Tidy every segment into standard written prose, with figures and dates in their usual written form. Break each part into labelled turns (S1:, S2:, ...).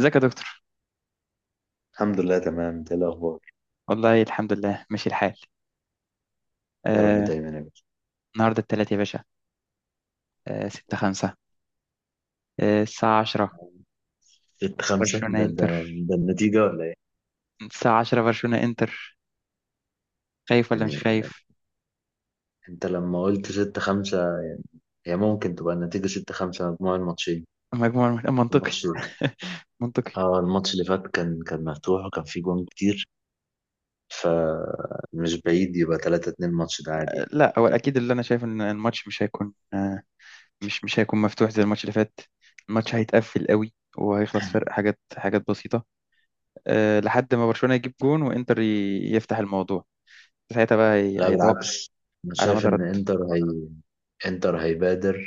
S1: ازيك يا دكتور.
S2: الحمد لله تمام، انت ايه الاخبار؟
S1: والله الحمد لله ماشي الحال.
S2: يا رب
S1: آه،
S2: دايما يا باشا.
S1: النهارده التلات يا باشا. ستة خمسة. الساعة عشرة
S2: ستة خمسة
S1: برشلونة
S2: ده
S1: انتر.
S2: ده النتيجة ولا ايه؟
S1: الساعة عشرة برشلونة انتر. خايف ولا مش
S2: يعني
S1: خايف.
S2: انت لما قلت ستة خمسة، هي ممكن تبقى النتيجة ستة خمسة مجموع الماتشين.
S1: مجموع منطقي
S2: الماتش،
S1: منطقي.
S2: اه الماتش اللي فات كان مفتوح وكان فيه جوان كتير، فمش بعيد يبقى تلاتة اتنين الماتش ده عادي.
S1: لا هو اكيد اللي انا شايف ان الماتش مش هيكون مش هيكون مفتوح زي الماتش اللي فات. الماتش هيتقفل قوي وهيخلص فرق حاجات بسيطة لحد ما برشلونة يجيب جون وانتر يفتح الموضوع. ساعتها بقى
S2: لا
S1: هيتوقف
S2: بالعكس، انا
S1: على
S2: شايف
S1: مدى.
S2: ان انتر انتر هيبادر،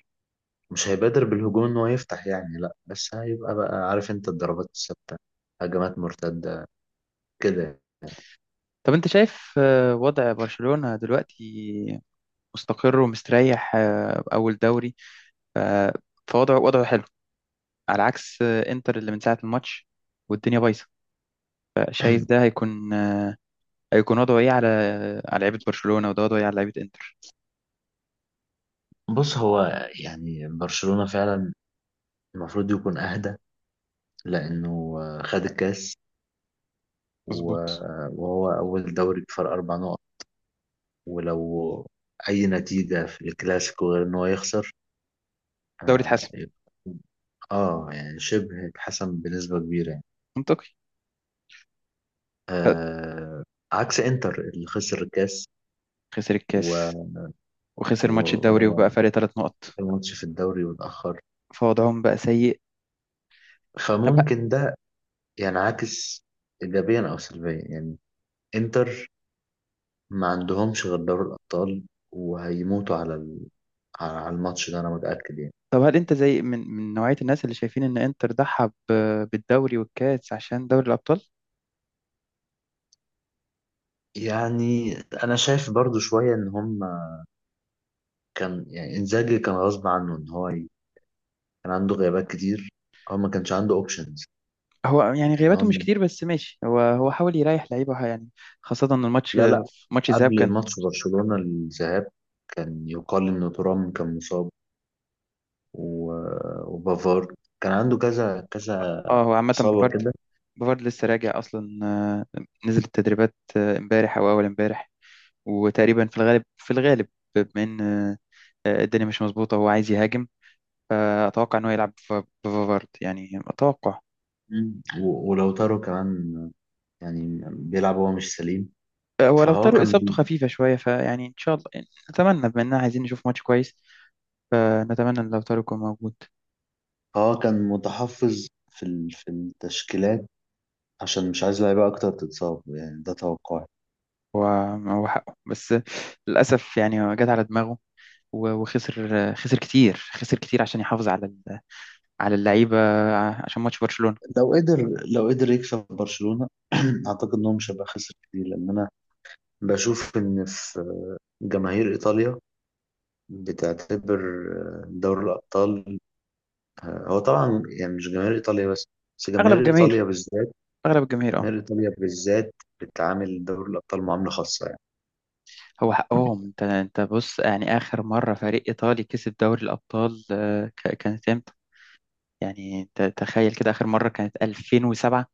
S2: مش هيبادر بالهجوم ان هو يفتح يعني، لا بس هيبقى بقى عارف انت الضربات الثابتة، هجمات مرتدة كده.
S1: طب انت شايف وضع برشلونة دلوقتي مستقر ومستريح، اول دوري. ف- فوضعه حلو على عكس انتر اللي من ساعة الماتش والدنيا بايظة. فشايف ده هيكون هيكون وضعه ايه على لعيبة برشلونة، وده وضعه ايه على لعيبة انتر.
S2: بص هو يعني برشلونة فعلا المفروض يكون أهدى، لأنه خد الكاس
S1: مظبوط.
S2: وهو أول دوري بفرق أربع نقط. ولو أي نتيجة في الكلاسيكو غير إن هو يخسر،
S1: دوري
S2: آه
S1: اتحسم.
S2: يبقى- يعني شبه اتحسم بنسبة كبيرة يعني.
S1: منطقي. ف-
S2: آه، عكس إنتر اللي خسر الكاس
S1: خسر الكاس
S2: و
S1: وخسر
S2: و-
S1: ماتش الدوري وبقى
S2: آه،
S1: فرق ثلاث نقط.
S2: الماتش في الدوري واتأخر،
S1: فوضعهم بقى سيء. طب
S2: فممكن ده يعني عاكس إيجابيا أو سلبيا يعني. إنتر ما عندهمش غير دوري الأبطال، وهيموتوا على على الماتش ده أنا متأكد يعني.
S1: طب هل انت زي من نوعية الناس اللي شايفين ان انتر ضحى بالدوري والكاس عشان دوري الابطال؟
S2: يعني أنا شايف برضو شوية إن هم كان يعني إنزاجي كان غصب عنه إن كان عنده غيابات كتير، هو ما كانش عنده أوبشنز
S1: هو يعني
S2: يعني
S1: غياباته مش
S2: هم.
S1: كتير، بس ماشي، هو حاول يريح لعيبه يعني، خاصة ان
S2: لا
S1: ماتش الذهاب
S2: قبل
S1: كان.
S2: ماتش برشلونة الذهاب كان يقال إن ترام كان مصاب و... وبافار كان عنده كذا كذا
S1: اه هو عامة
S2: إصابة
S1: بوفارد.
S2: كده.
S1: بوفارد لسه راجع اصلا، نزل التدريبات امبارح او اول امبارح. وتقريبا في الغالب بما ان الدنيا مش مظبوطة هو عايز يهاجم. فاتوقع ان هو يلعب بوفارد يعني اتوقع.
S2: ولو تارو كمان يعني بيلعب وهو مش سليم.
S1: هو لو
S2: فهو
S1: طاروا اصابته
S2: كان،
S1: خفيفة شوية فيعني ان شاء الله نتمنى، بما اننا عايزين نشوف ماتش كويس، فنتمنى ان لو طاروا يكون موجود.
S2: اه كان متحفظ في في التشكيلات عشان مش عايز لعيبه اكتر تتصاب، يعني ده توقعي.
S1: هو هو حقه، بس للأسف يعني هو جت على دماغه وخسر كتير، خسر كتير عشان يحافظ على على اللعيبة عشان ماتش برشلونة.
S2: لو قدر لو قدر يكسب برشلونه اعتقد انهم مش هيبقى خسر كتير، لان انا بشوف ان في جماهير ايطاليا بتعتبر دوري الابطال، هو طبعا يعني مش جماهير ايطاليا بس، بس
S1: أغلب
S2: جماهير ايطاليا
S1: الجماهير،
S2: بالذات،
S1: أغلب الجماهير، اه،
S2: جماهير ايطاليا بالذات بتعامل دوري الابطال معامله خاصه يعني.
S1: هو حقهم. انت بص يعني آخر مرة فريق إيطالي كسب دوري الأبطال كانت امتى؟ يعني انت تخيل كده. آخر مرة كانت 2007.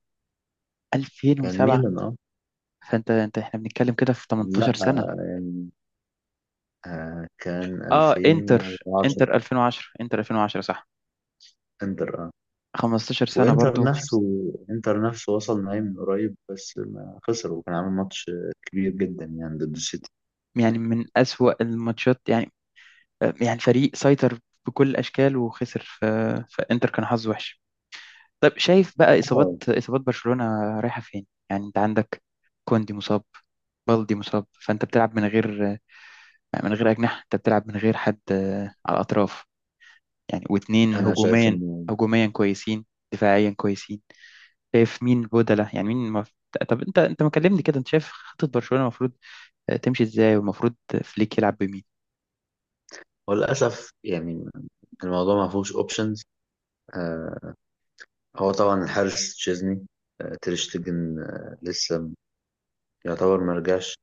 S2: كان
S1: 2007.
S2: ميلان اه.
S1: فانت احنا بنتكلم كده في
S2: لا
S1: 18 سنة.
S2: كان
S1: اه انتر،
S2: 2010
S1: انتر 2010. انتر 2010 صح.
S2: انتر اه.
S1: 15 سنة
S2: وانتر
S1: برضو.
S2: نفسه، انتر نفسه وصل نهائي من قريب بس ما خسر، وكان عامل ماتش كبير جدا يعني ضد السيتي.
S1: يعني من أسوأ الماتشات يعني. يعني فريق سيطر بكل الأشكال وخسر، فإنتر كان حظه وحش. طب شايف بقى إصابات
S2: اه
S1: إصابات برشلونة رايحة فين؟ يعني أنت عندك كوندي مصاب، بالدي مصاب، فأنت بتلعب من غير أجنحة. أنت بتلعب من غير حد على الأطراف يعني، واتنين
S2: انا شايف
S1: هجوميا.
S2: انه
S1: هجوميا كويسين، دفاعيا كويسين. شايف مين بدلة يعني مين طب انت ما كلمني كده، انت شايف خطة برشلونة المفروض تمشي ازاي، والمفروض فليك يلعب بمين؟
S2: هو للاسف يعني الموضوع ما فيهوش اوبشنز. آه، هو طبعا الحارس تشيزني، آه تريشتجن آه لسه يعتبر ما رجعش،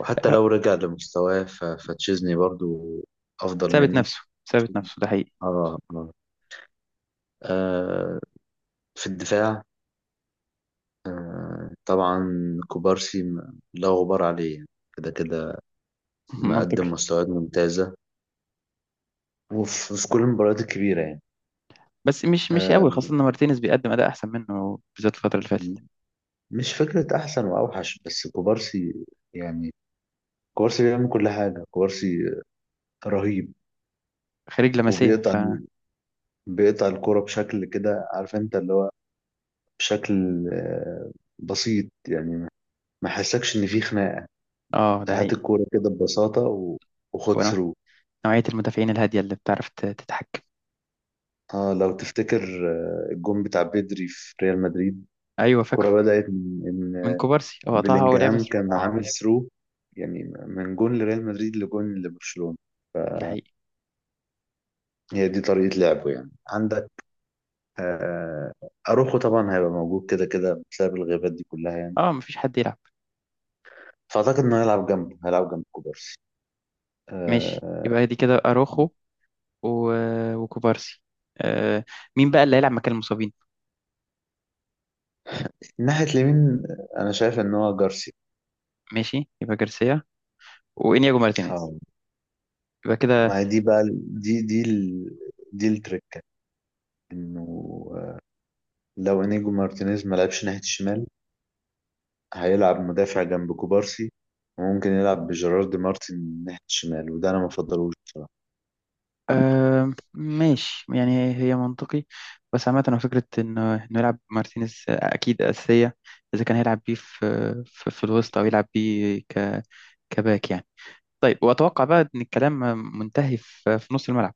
S2: وحتى لو رجع لمستواه فتشيزني برضو افضل
S1: ثابت
S2: منه.
S1: نفسه. ثابت نفسه، ده حقيقي.
S2: اه اه، آه، في الدفاع آه طبعا كوبارسي لا غبار عليه يعني، كده كده مقدم
S1: منطقي.
S2: مستويات ممتازة وفي في كل المباريات الكبيرة يعني.
S1: بس مش قوي،
S2: آه
S1: خاصة ان مارتينيز بيقدم اداء احسن منه بالذات الفترة اللي فاتت.
S2: مش فكرة أحسن وأوحش، بس كوبارسي يعني كوبارسي بيعمل كل حاجة. كوبارسي رهيب،
S1: خارج لمسية
S2: وبيقطع، بيقطع الكرة بشكل كده عارف أنت اللي هو بشكل آه بسيط يعني، ما حسكش إن في خناقة،
S1: اه ده
S2: هات
S1: حقيقي.
S2: الكورة كده ببساطة وخد
S1: ونوع-
S2: ثرو.
S1: نوعية المدافعين الهادية اللي بتعرف تتحكم.
S2: اه لو تفتكر الجون بتاع بيدري في ريال مدريد،
S1: ايوه
S2: الكرة
S1: فاكره.
S2: بدأت
S1: من
S2: إن
S1: كوبارسي، هو قطعها، هو لعب
S2: بلينجهام
S1: أسرع.
S2: كان عامل ثرو، يعني من جون لريال مدريد لجون لبرشلونة.
S1: ده حقيقي.
S2: هي دي طريقة لعبه يعني. عندك آه، أروخو طبعا هيبقى موجود كده كده بسبب الغيابات دي كلها يعني،
S1: اه مفيش حد يلعب.
S2: فأعتقد إنه هيلعب جنبه، هيلعب جنب كوبارسي
S1: ماشي
S2: آه،
S1: يبقى دي كده اروخو و... وكوبارسي. آه مين بقى اللي هيلعب مكان المصابين؟
S2: ناحية اليمين آه، أنا شايف إن هو جارسيا.
S1: ماشي يبقى جارسيا وانياجو
S2: اه
S1: مارتينيز، يبقى كده.
S2: ما هي دي بقى دي التركة، إنه آه، لو إنيجو مارتينيز ما لعبش ناحية الشمال هيلعب مدافع جنب كوبارسي، وممكن يلعب بجيرارد مارتن ناحية الشمال، وده أنا ما بفضلوش بصراحة.
S1: آه ماشي يعني هي منطقي، بس عامة هو فكرة إنه يلعب مارتينيز أكيد أساسية، إذا كان هيلعب بيه في الوسط أو يلعب بيه كباك يعني. طيب، وأتوقع بقى إن الكلام منتهي في نص الملعب.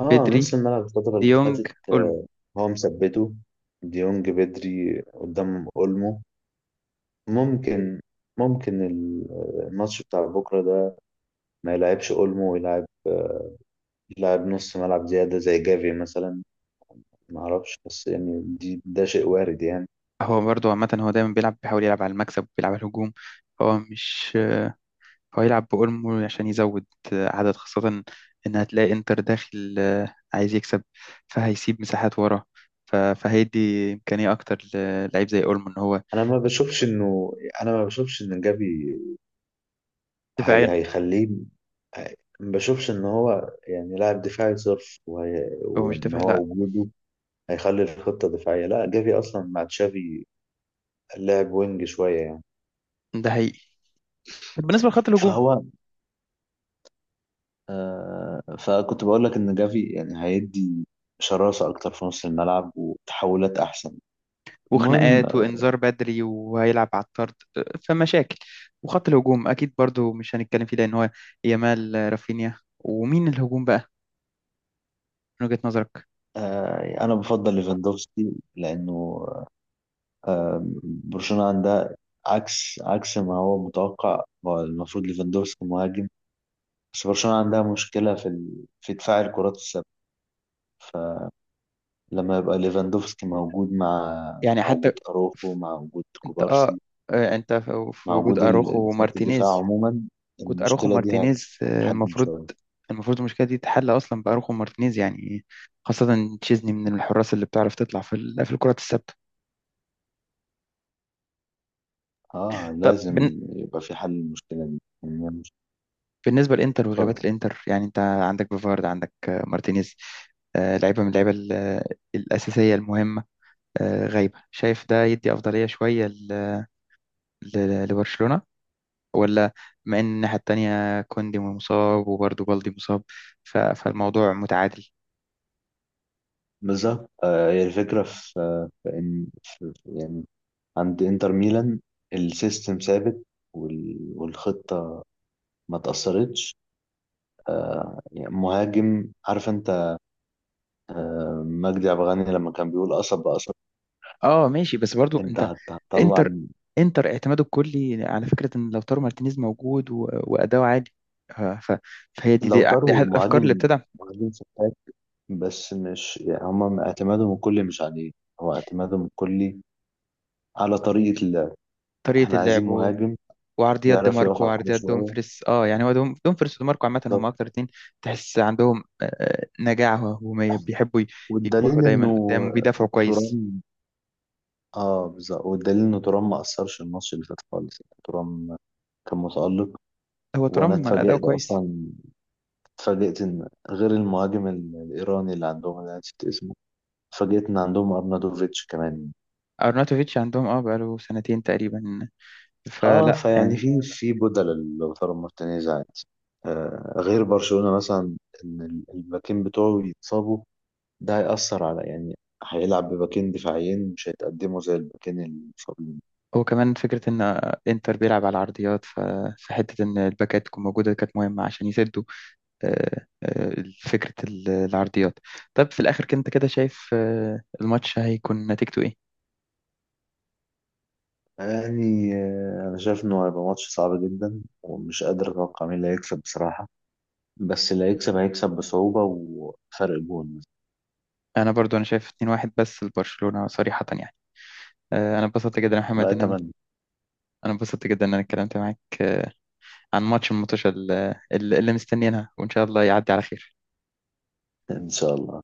S2: اه
S1: بدري،
S2: نص الملعب الفترة اللي
S1: ديونج،
S2: فاتت
S1: أولمو.
S2: آه، هو مثبته ديونج بدري قدام أولمو. ممكن، ممكن الماتش بتاع بكرة ده ما يلعبش أولمو، ويلعب آه، يلعب نص ملعب زيادة زي جافي مثلا، ما أعرفش بس يعني ده شيء وارد يعني.
S1: هو برضه عامة هو دايما بيلعب، بيحاول يلعب على المكسب وبيلعب على الهجوم. هو مش، هو يلعب بأولمو عشان يزود عدد، خاصة إن هتلاقي إنتر داخل عايز يكسب، فهيسيب مساحات ورا. فهيدي إمكانية أكتر للعيب زي أولمو إن هو
S2: أنا ما بشوفش إنه، أنا ما بشوفش إن جافي هي
S1: دفاعيا.
S2: هيخليه ما بشوفش ان هو يعني لاعب دفاعي صرف
S1: هو مش
S2: وان
S1: دفاع
S2: هو
S1: لأ.
S2: وجوده هيخلي الخطة دفاعية، لا جافي اصلا مع تشافي لاعب وينج شوية يعني.
S1: ده حقيقي. بالنسبة لخط الهجوم،
S2: فهو آه، فكنت بقول لك ان جافي يعني هيدي شراسة اكتر في نص الملعب وتحولات احسن. المهم،
S1: وخناقات وإنذار بدري وهيلعب على الطرد، فمشاكل. وخط الهجوم أكيد برضو مش هنتكلم فيه لأن هو يامال رافينيا، ومين الهجوم بقى من وجهة نظرك؟
S2: آه انا بفضل ليفاندوفسكي، لانه آه برشلونة عندها عكس، ما هو متوقع، هو المفروض ليفاندوفسكي مهاجم، بس برشلونة عندها مشكلة في دفاع الكرات الثابتة، فلما يبقى ليفاندوفسكي موجود مع،
S1: يعني
S2: مع
S1: حتى
S2: وجود أروخو، مع وجود
S1: أنت
S2: كوبارسي،
S1: أنت في
S2: مع
S1: وجود
S2: وجود
S1: أروخو
S2: خط الدفاع
S1: ومارتينيز.
S2: عموما،
S1: كنت اروخو
S2: المشكلة دي
S1: مارتينيز
S2: هتتحجم
S1: المفروض،
S2: شوية.
S1: المشكله دي تتحل اصلا باروخو مارتينيز يعني، خاصه تشيزني من الحراس اللي بتعرف تطلع في في الكرات الثابته.
S2: اه
S1: طب
S2: لازم يبقى في حل للمشكلة دي يعني، هي مش-
S1: بالنسبه للانتر وغيابات
S2: اتفضل.
S1: الانتر، يعني انت عندك بيفارد، عندك مارتينيز، لعيبه من اللعيبه الاساسيه المهمه غايبه. شايف ده يدي افضليه شويه لبرشلونه، ولا مع ان الناحيه التانيه كوندي مصاب وبرضه بالدي مصاب فالموضوع متعادل؟
S2: بالظبط آه، هي الفكرة في، في إن يعني عند إنتر ميلان السيستم ثابت، والخطة ما تأثرتش آه، يعني مهاجم عارف أنت آه، مجدي عبد الغني لما كان بيقول قصب بقصب،
S1: اه ماشي، بس برضو
S2: انت
S1: انت
S2: هتطلع.
S1: انتر انتر اعتماده الكلي على فكره ان لو تارو مارتينيز موجود واداؤه عالي، آه، ف... فهي دي, دي
S2: لو
S1: دي
S2: طاروا
S1: احد الافكار اللي
S2: مهاجم،
S1: بتدعم
S2: مهاجم فتاك، بس مش يعني هم اعتمادهم الكلي مش عليه، هو اعتمادهم الكلي على طريقة اللعب.
S1: طريقه
S2: احنا عايزين
S1: اللعب
S2: مهاجم
S1: وعرضيات دي
S2: يعرف يقف
S1: ماركو
S2: على الكورة
S1: وعرضيات
S2: شوية.
S1: دومفريس. اه يعني هو دومفريس ودي ماركو عامه هم
S2: بالظبط،
S1: اكتر اتنين تحس عندهم نجاعه هجوميه، بيحبوا يروحوا
S2: والدليل انه
S1: دايما قدام وبيدافعوا كويس.
S2: ترام اه بالظبط، والدليل انه ترام ما اثرش الماتش اللي فات خالص، يعني ترام كان متألق.
S1: هو
S2: وانا
S1: ترام اداؤه
S2: اتفاجئت
S1: كويس.
S2: اصلا، اتفاجئت ان غير المهاجم الايراني اللي عندهم انا نسيت اسمه، فاجئتنا عندهم ارنادوفيتش كمان.
S1: ارناتوفيتش عندهم اه بقاله سنتين تقريبا،
S2: اه
S1: فلا.
S2: فيعني في في بدل لوتارو مارتينيز عادي. آه غير برشلونة مثلا، ان الباكين بتوعه يتصابوا ده هيأثر على يعني، هيلعب بباكين دفاعيين مش هيتقدموا زي الباكين المصابين.
S1: هو كمان فكرة إن إنتر بيلعب على العرضيات، فحتة إن الباكات تكون موجودة كانت مهمة عشان يسدوا، آه، آه، فكرة العرضيات. طب في الآخر كنت كده شايف الماتش هيكون نتيجته إيه؟
S2: يعني آه انا شايف انه هيبقى ماتش صعب جدا، ومش قادر اتوقع مين اللي هيكسب بصراحة، بس اللي هيكسب هيكسب بصعوبة وفرق جون.
S1: أنا برضو أنا شايف 2-1 بس لبرشلونة صريحة يعني. أنا اتبسطت جدا يا
S2: لا
S1: محمد إن أنا
S2: اتمنى.
S1: أنا اتبسطت جدا إن أنا اتكلمت معاك عن الماتش اللي مستنيينها، وإن شاء الله يعدي على خير.
S2: ان شاء الله.